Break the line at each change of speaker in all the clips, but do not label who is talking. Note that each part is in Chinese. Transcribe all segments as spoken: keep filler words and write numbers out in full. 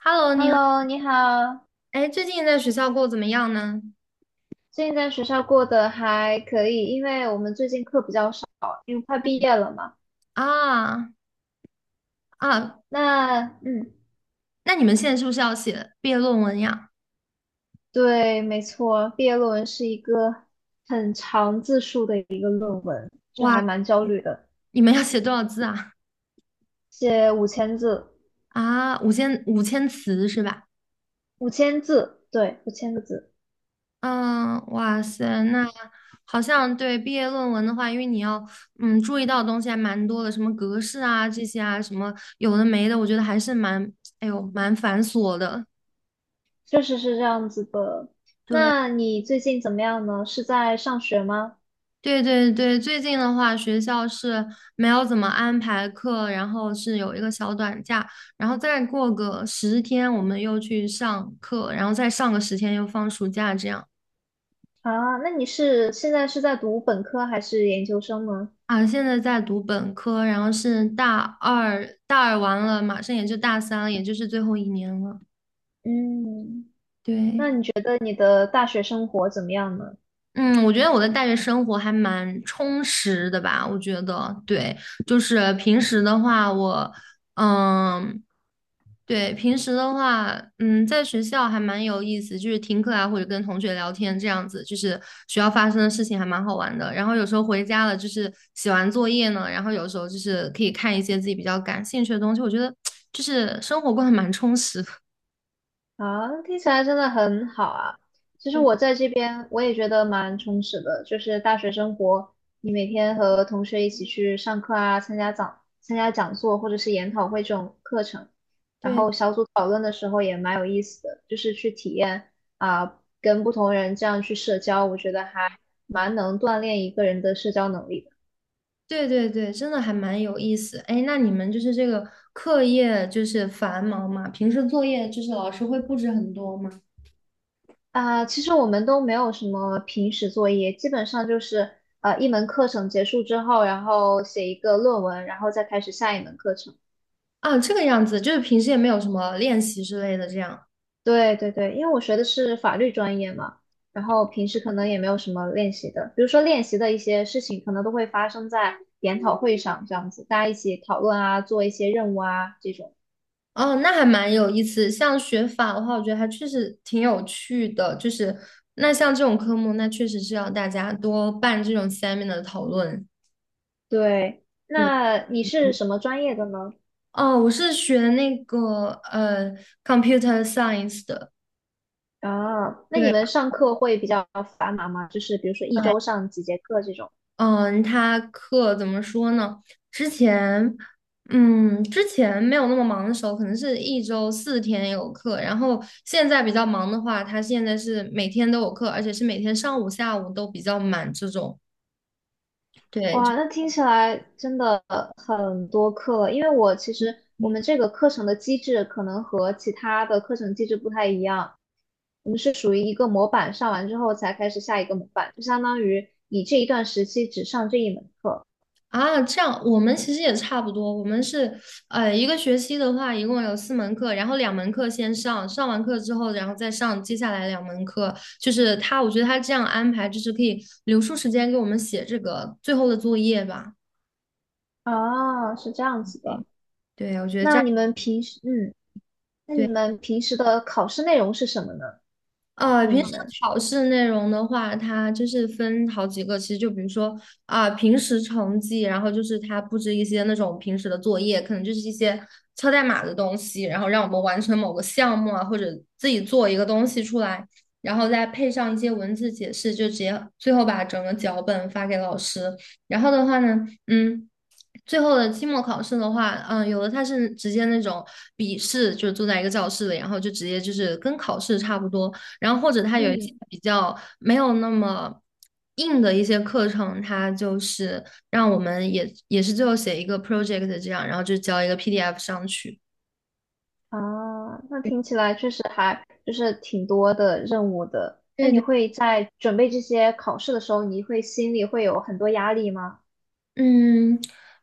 Hello，你好，
Hello，你好。
哎，最近在学校过得怎么样呢？
最近在学校过得还可以，因为我们最近课比较少，因为快毕业了嘛。
啊啊，
那嗯，
那你们现在是不是要写毕业论文呀？
对，没错，毕业论文是一个很长字数的一个论文，就
哇，
还蛮焦虑的。
你们要写多少字啊？
写五千字，
啊，五千五千词是吧？
五千字，对，五千个字，
嗯，哇塞，那好像对毕业论文的话，因为你要嗯注意到的东西还蛮多的，什么格式啊这些啊，什么有的没的，我觉得还是蛮哎呦蛮繁琐的。
确实是这样子的。
对，
那你最近怎么样呢？是在上学吗？
对对对，最近的话，学校是没有怎么安排课，然后是有一个小短假，然后再过个十天，我们又去上课，然后再上个十天又放暑假，这样
啊，那你是现在是在读本科还是研究生呢？
啊。现在在读本科，然后是大二，大二完了，马上也就大三了，也就是最后一年了。
嗯。那
对，
你觉得你的大学生活怎么样呢？
嗯，我觉得我的大学生活还蛮充实的吧，我觉得，对，就是平时的话，我。嗯，对，平时的话，嗯，在学校还蛮有意思，就是听课啊，或者跟同学聊天这样子，就是学校发生的事情还蛮好玩的。然后有时候回家了，就是写完作业呢，然后有时候就是可以看一些自己比较感兴趣的东西，我觉得 就是生活过得蛮充实的。
啊，听起来真的很好啊。其实
对
我在这边我也觉得蛮充实的，就是大学生活，你每天和同学一起去上课啊，参加讲参加讲座或者是研讨会这种课程，然
对
后小组讨论的时候也蛮有意思的，就是去体验啊，跟不同人这样去社交，我觉得还蛮能锻炼一个人的社交能力的。
对对对，真的还蛮有意思。哎，那你们就是这个课业就是繁忙嘛，平时作业就是老师会布置很多吗？
啊，其实我们都没有什么平时作业，基本上就是呃一门课程结束之后，然后写一个论文，然后再开始下一门课程。
啊，这个样子，就是平时也没有什么练习之类的这样。
对对对，因为我学的是法律专业嘛，然后平时可能也没有什么练习的，比如说练习的一些事情，可能都会发生在研讨会上这样子，大家一起讨论啊，做一些任务啊这种。
哦，那还蛮有意思。像学法的话，我觉得还确实挺有趣的。就是那像这种科目，那确实是要大家多办这种 seminar 的讨论。
对，
对，
那你是什么专业的呢？
哦，我是学那个呃 computer science 的。
啊，那你
对。
们上课会比较繁忙吗？就是比如说一周上几节课这种。
嗯，他课怎么说呢？之前，嗯，之前没有那么忙的时候，可能是一周四天有课，然后现在比较忙的话，他现在是每天都有课，而且是每天上午、下午都比较满这种。对，
哇，那听起来真的很多课了，因为我其实我们这个课程的机制可能和其他的课程机制不太一样，我们是属于一个模板上完之后才开始下一个模板，就相当于你这一段时期只上这一门课。
啊，这样我们其实也差不多。我们是，呃，一个学期的话，一共有四门课，然后两门课先上，上完课之后，然后再上接下来两门课。就是他，我觉得他这样安排，就是可以留出时间给我们写这个最后的作业吧。
啊，是这样子的。
对，对，我觉得这
那
样。
你们平时，嗯，那你
对。
们平时的考试内容是什么呢？
呃，
就是
平
你
时
们，
考试内容的话，它就是分好几个，其实就比如说啊、平时成绩，然后就是它布置一些那种平时的作业，可能就是一些敲代码的东西，然后让我们完成某个项目啊，或者自己做一个东西出来，然后再配上一些文字解释，就直接最后把整个脚本发给老师。然后的话呢，嗯。最后的期末考试的话，嗯，有的它是直接那种笔试，就是坐在一个教室里，然后就直接就是跟考试差不多，然后或者它有一些
嗯。
比较没有那么硬的一些课程，它就是让我们也也是最后写一个 project 这样，然后就交一个 P D F 上去。
啊，那听起来确实还就是挺多的任务的。那
对
你
对
会在准备这些考试的时候，你会心里会有很多压力吗？
嗯，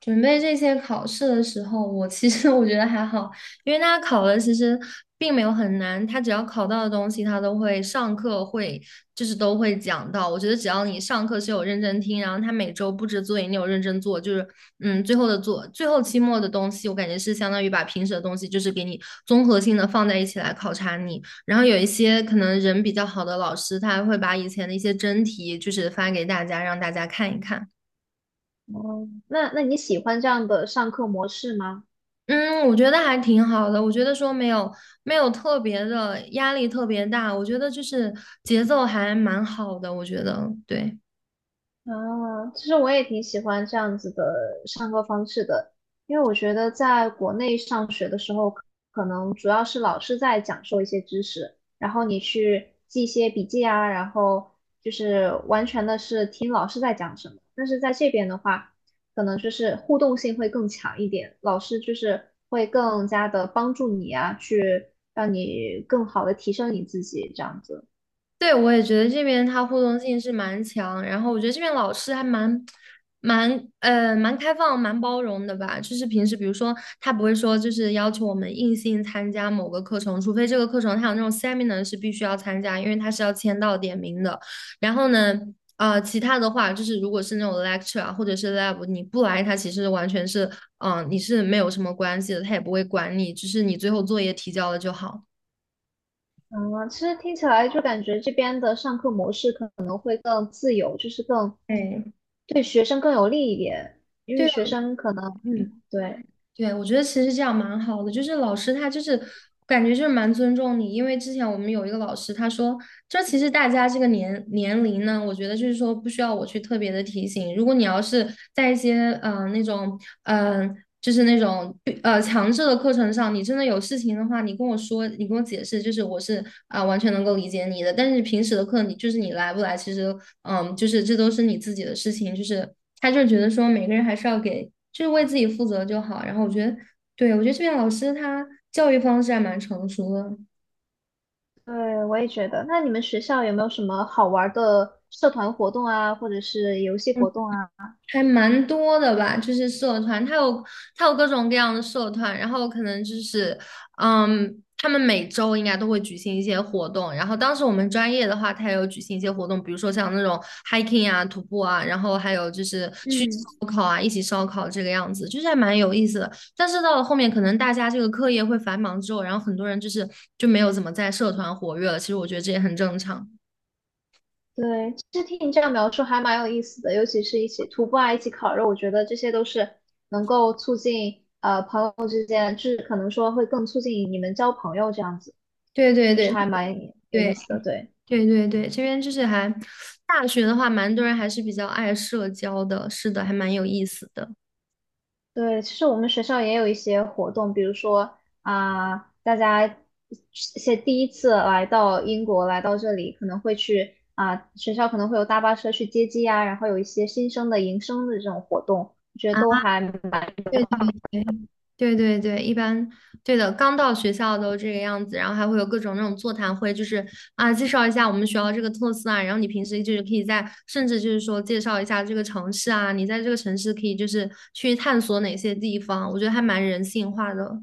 准备这些考试的时候，我其实 我觉得还好，因为他考的其实并没有很难，他只要考到的东西，他都会上课会就是都会讲到。我觉得只要你上课是有认真听，然后他每周布置作业你有认真做，就是嗯，最后的做最后期末的东西，我感觉是相当于把平时的东西就是给你综合性的放在一起来考察你。然后有一些可能人比较好的老师，他还会把以前的一些真题就是发给大家，让大家看一看。
哦，那那你喜欢这样的上课模式吗？
嗯，我觉得还挺好的。我觉得说没有没有特别的压力特别大，我觉得就是节奏还蛮好的。我觉得对，
啊，其实我也挺喜欢这样子的上课方式的，因为我觉得在国内上学的时候，可可能主要是老师在讲授一些知识，然后你去记一些笔记啊，然后就是完全的是听老师在讲什么。但是在这边的话，可能就是互动性会更强一点，老师就是会更加的帮助你啊，去让你更好的提升你自己这样子。
对，我也觉得这边它互动性是蛮强，然后我觉得这边老师还蛮、蛮呃蛮开放、蛮包容的吧。就是平时比如说他不会说就是要求我们硬性参加某个课程，除非这个课程它有那种 seminar 是必须要参加，因为它是要签到点名的。然后呢，啊，其他的话就是如果是那种 lecture 啊或者是 lab，你不来，他其实完全是嗯、呃你是没有什么关系的，他也不会管你，就是你最后作业提交了就好。
嗯，其实听起来就感觉这边的上课模式可能会更自由，就是更对学生更有利一点，因为
对。
学生可能，嗯，对，
对，我觉得其实这样蛮好的，就是老师他就是感觉就是蛮尊重你，因为之前我们有一个老师，他说这其实大家这个年年龄呢，我觉得就是说不需要我去特别的提醒，如果你要是在一些嗯那种嗯、呃就是那种呃强制的课程上，你真的有事情的话，你跟我说，你跟我解释，就是我是啊、完全能够理解你的，但是平时的课你就是你来不来，其实嗯、就是这都是你自己的事情，就是。他就是觉得说每个人还是要给，就是为自己负责就好。然后我觉得，对，我觉得这边老师他教育方式还蛮成熟的。
对，我也觉得。那你们学校有没有什么好玩儿的社团活动啊，或者是游戏活动啊？
还蛮多的吧，就是社团，它有它有各种各样的社团，然后可能就是，嗯，他们每周应该都会举行一些活动，然后当时我们专业的话，它也有举行一些活动，比如说像那种 hiking 啊、徒步啊，然后还有就是去
嗯。
烧烤啊，一起烧烤这个样子，就是还蛮有意思的。但是到了后面，可能大家这个课业会繁忙之后，然后很多人就是就没有怎么在社团活跃了，其实我觉得这也很正常。
对，其实听你这样描述还蛮有意思的，尤其是一起徒步啊，一起烤肉，我觉得这些都是能够促进呃朋友之间，就是可能说会更促进你们交朋友这样子，
对对
就是
对
还蛮有意
对。
思的。对
对对对，这边就是还大学的话，蛮多人还是比较爱社交的，是的，还蛮有意思的
对，其实我们学校也有一些活动，比如说啊、大家一些第一次来到英国，来到这里可能会去啊、学校可能会有大巴车去接机啊，然后有一些新生的迎生的这种活动，我觉得都
啊。
还蛮
对对对对对对，一般对的，刚到学校都这个样子，然后还会有各种那种座谈会，就是啊，介绍一下我们学校这个特色啊，然后你平时就是可以在，甚至就是说介绍一下这个城市啊，你在这个城市可以就是去探索哪些地方，我觉得还蛮人性化的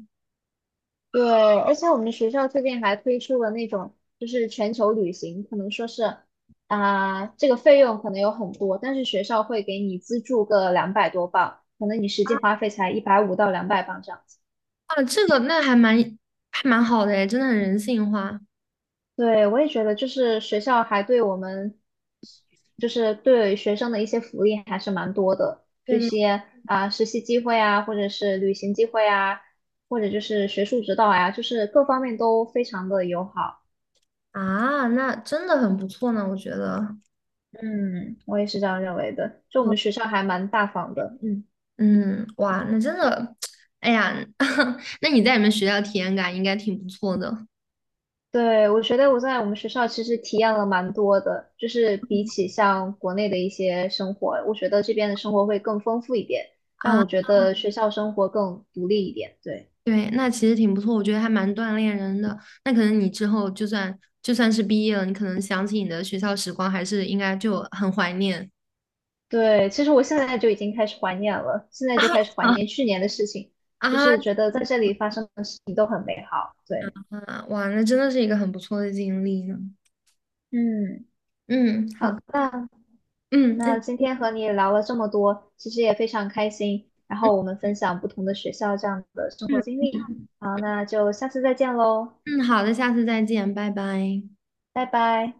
对，而且我们学校最近还推出了那种，就是全球旅行，可能说是啊、这个费用可能有很多，但是学校会给你资助个两百多镑，可能你实际花费才一百五到两百镑这样子。
啊，这个那还蛮还蛮好的诶，真的很人性化。
对，我也觉得，就是学校还对我们，就是对学生的一些福利还是蛮多的，
对
这
对。
些啊、实习机会啊，或者是旅行机会啊，或者就是学术指导呀，就是各方面都非常的友好。
啊，那真的很不错呢，我觉得。
嗯，我也是这样认为的。就我
我
们学校还蛮大方的，嗯，
嗯，哇，那真的，哎呀，那你在你们学校体验感应该挺不错的
对，我觉得我在我们学校其实体验了蛮多的，就是比起像国内的一些生活，我觉得这边的生活会更丰富一点，让
啊。
我觉得学校生活更独立一点。对，
对，那其实挺不错，我觉得还蛮锻炼人的。那可能你之后就算就算是毕业了，你可能想起你的学校时光，还是应该就很怀念
对，其实我现在就已经开始怀念了，现在就开始怀
啊，
念去年的事情，
啊
就是觉得在这里发生的事情都很美好。对，
啊！哇，那真的是一个很不错的经历呢。
嗯，
嗯，好
好，
的
那。
嗯，那
那今天和你聊了这么多，其实也非常开心。然
嗯
后我们分享不同的学校这样的生活
嗯
经历。好，那就下次再见喽，
嗯，好的，下次再见，拜拜。
拜拜。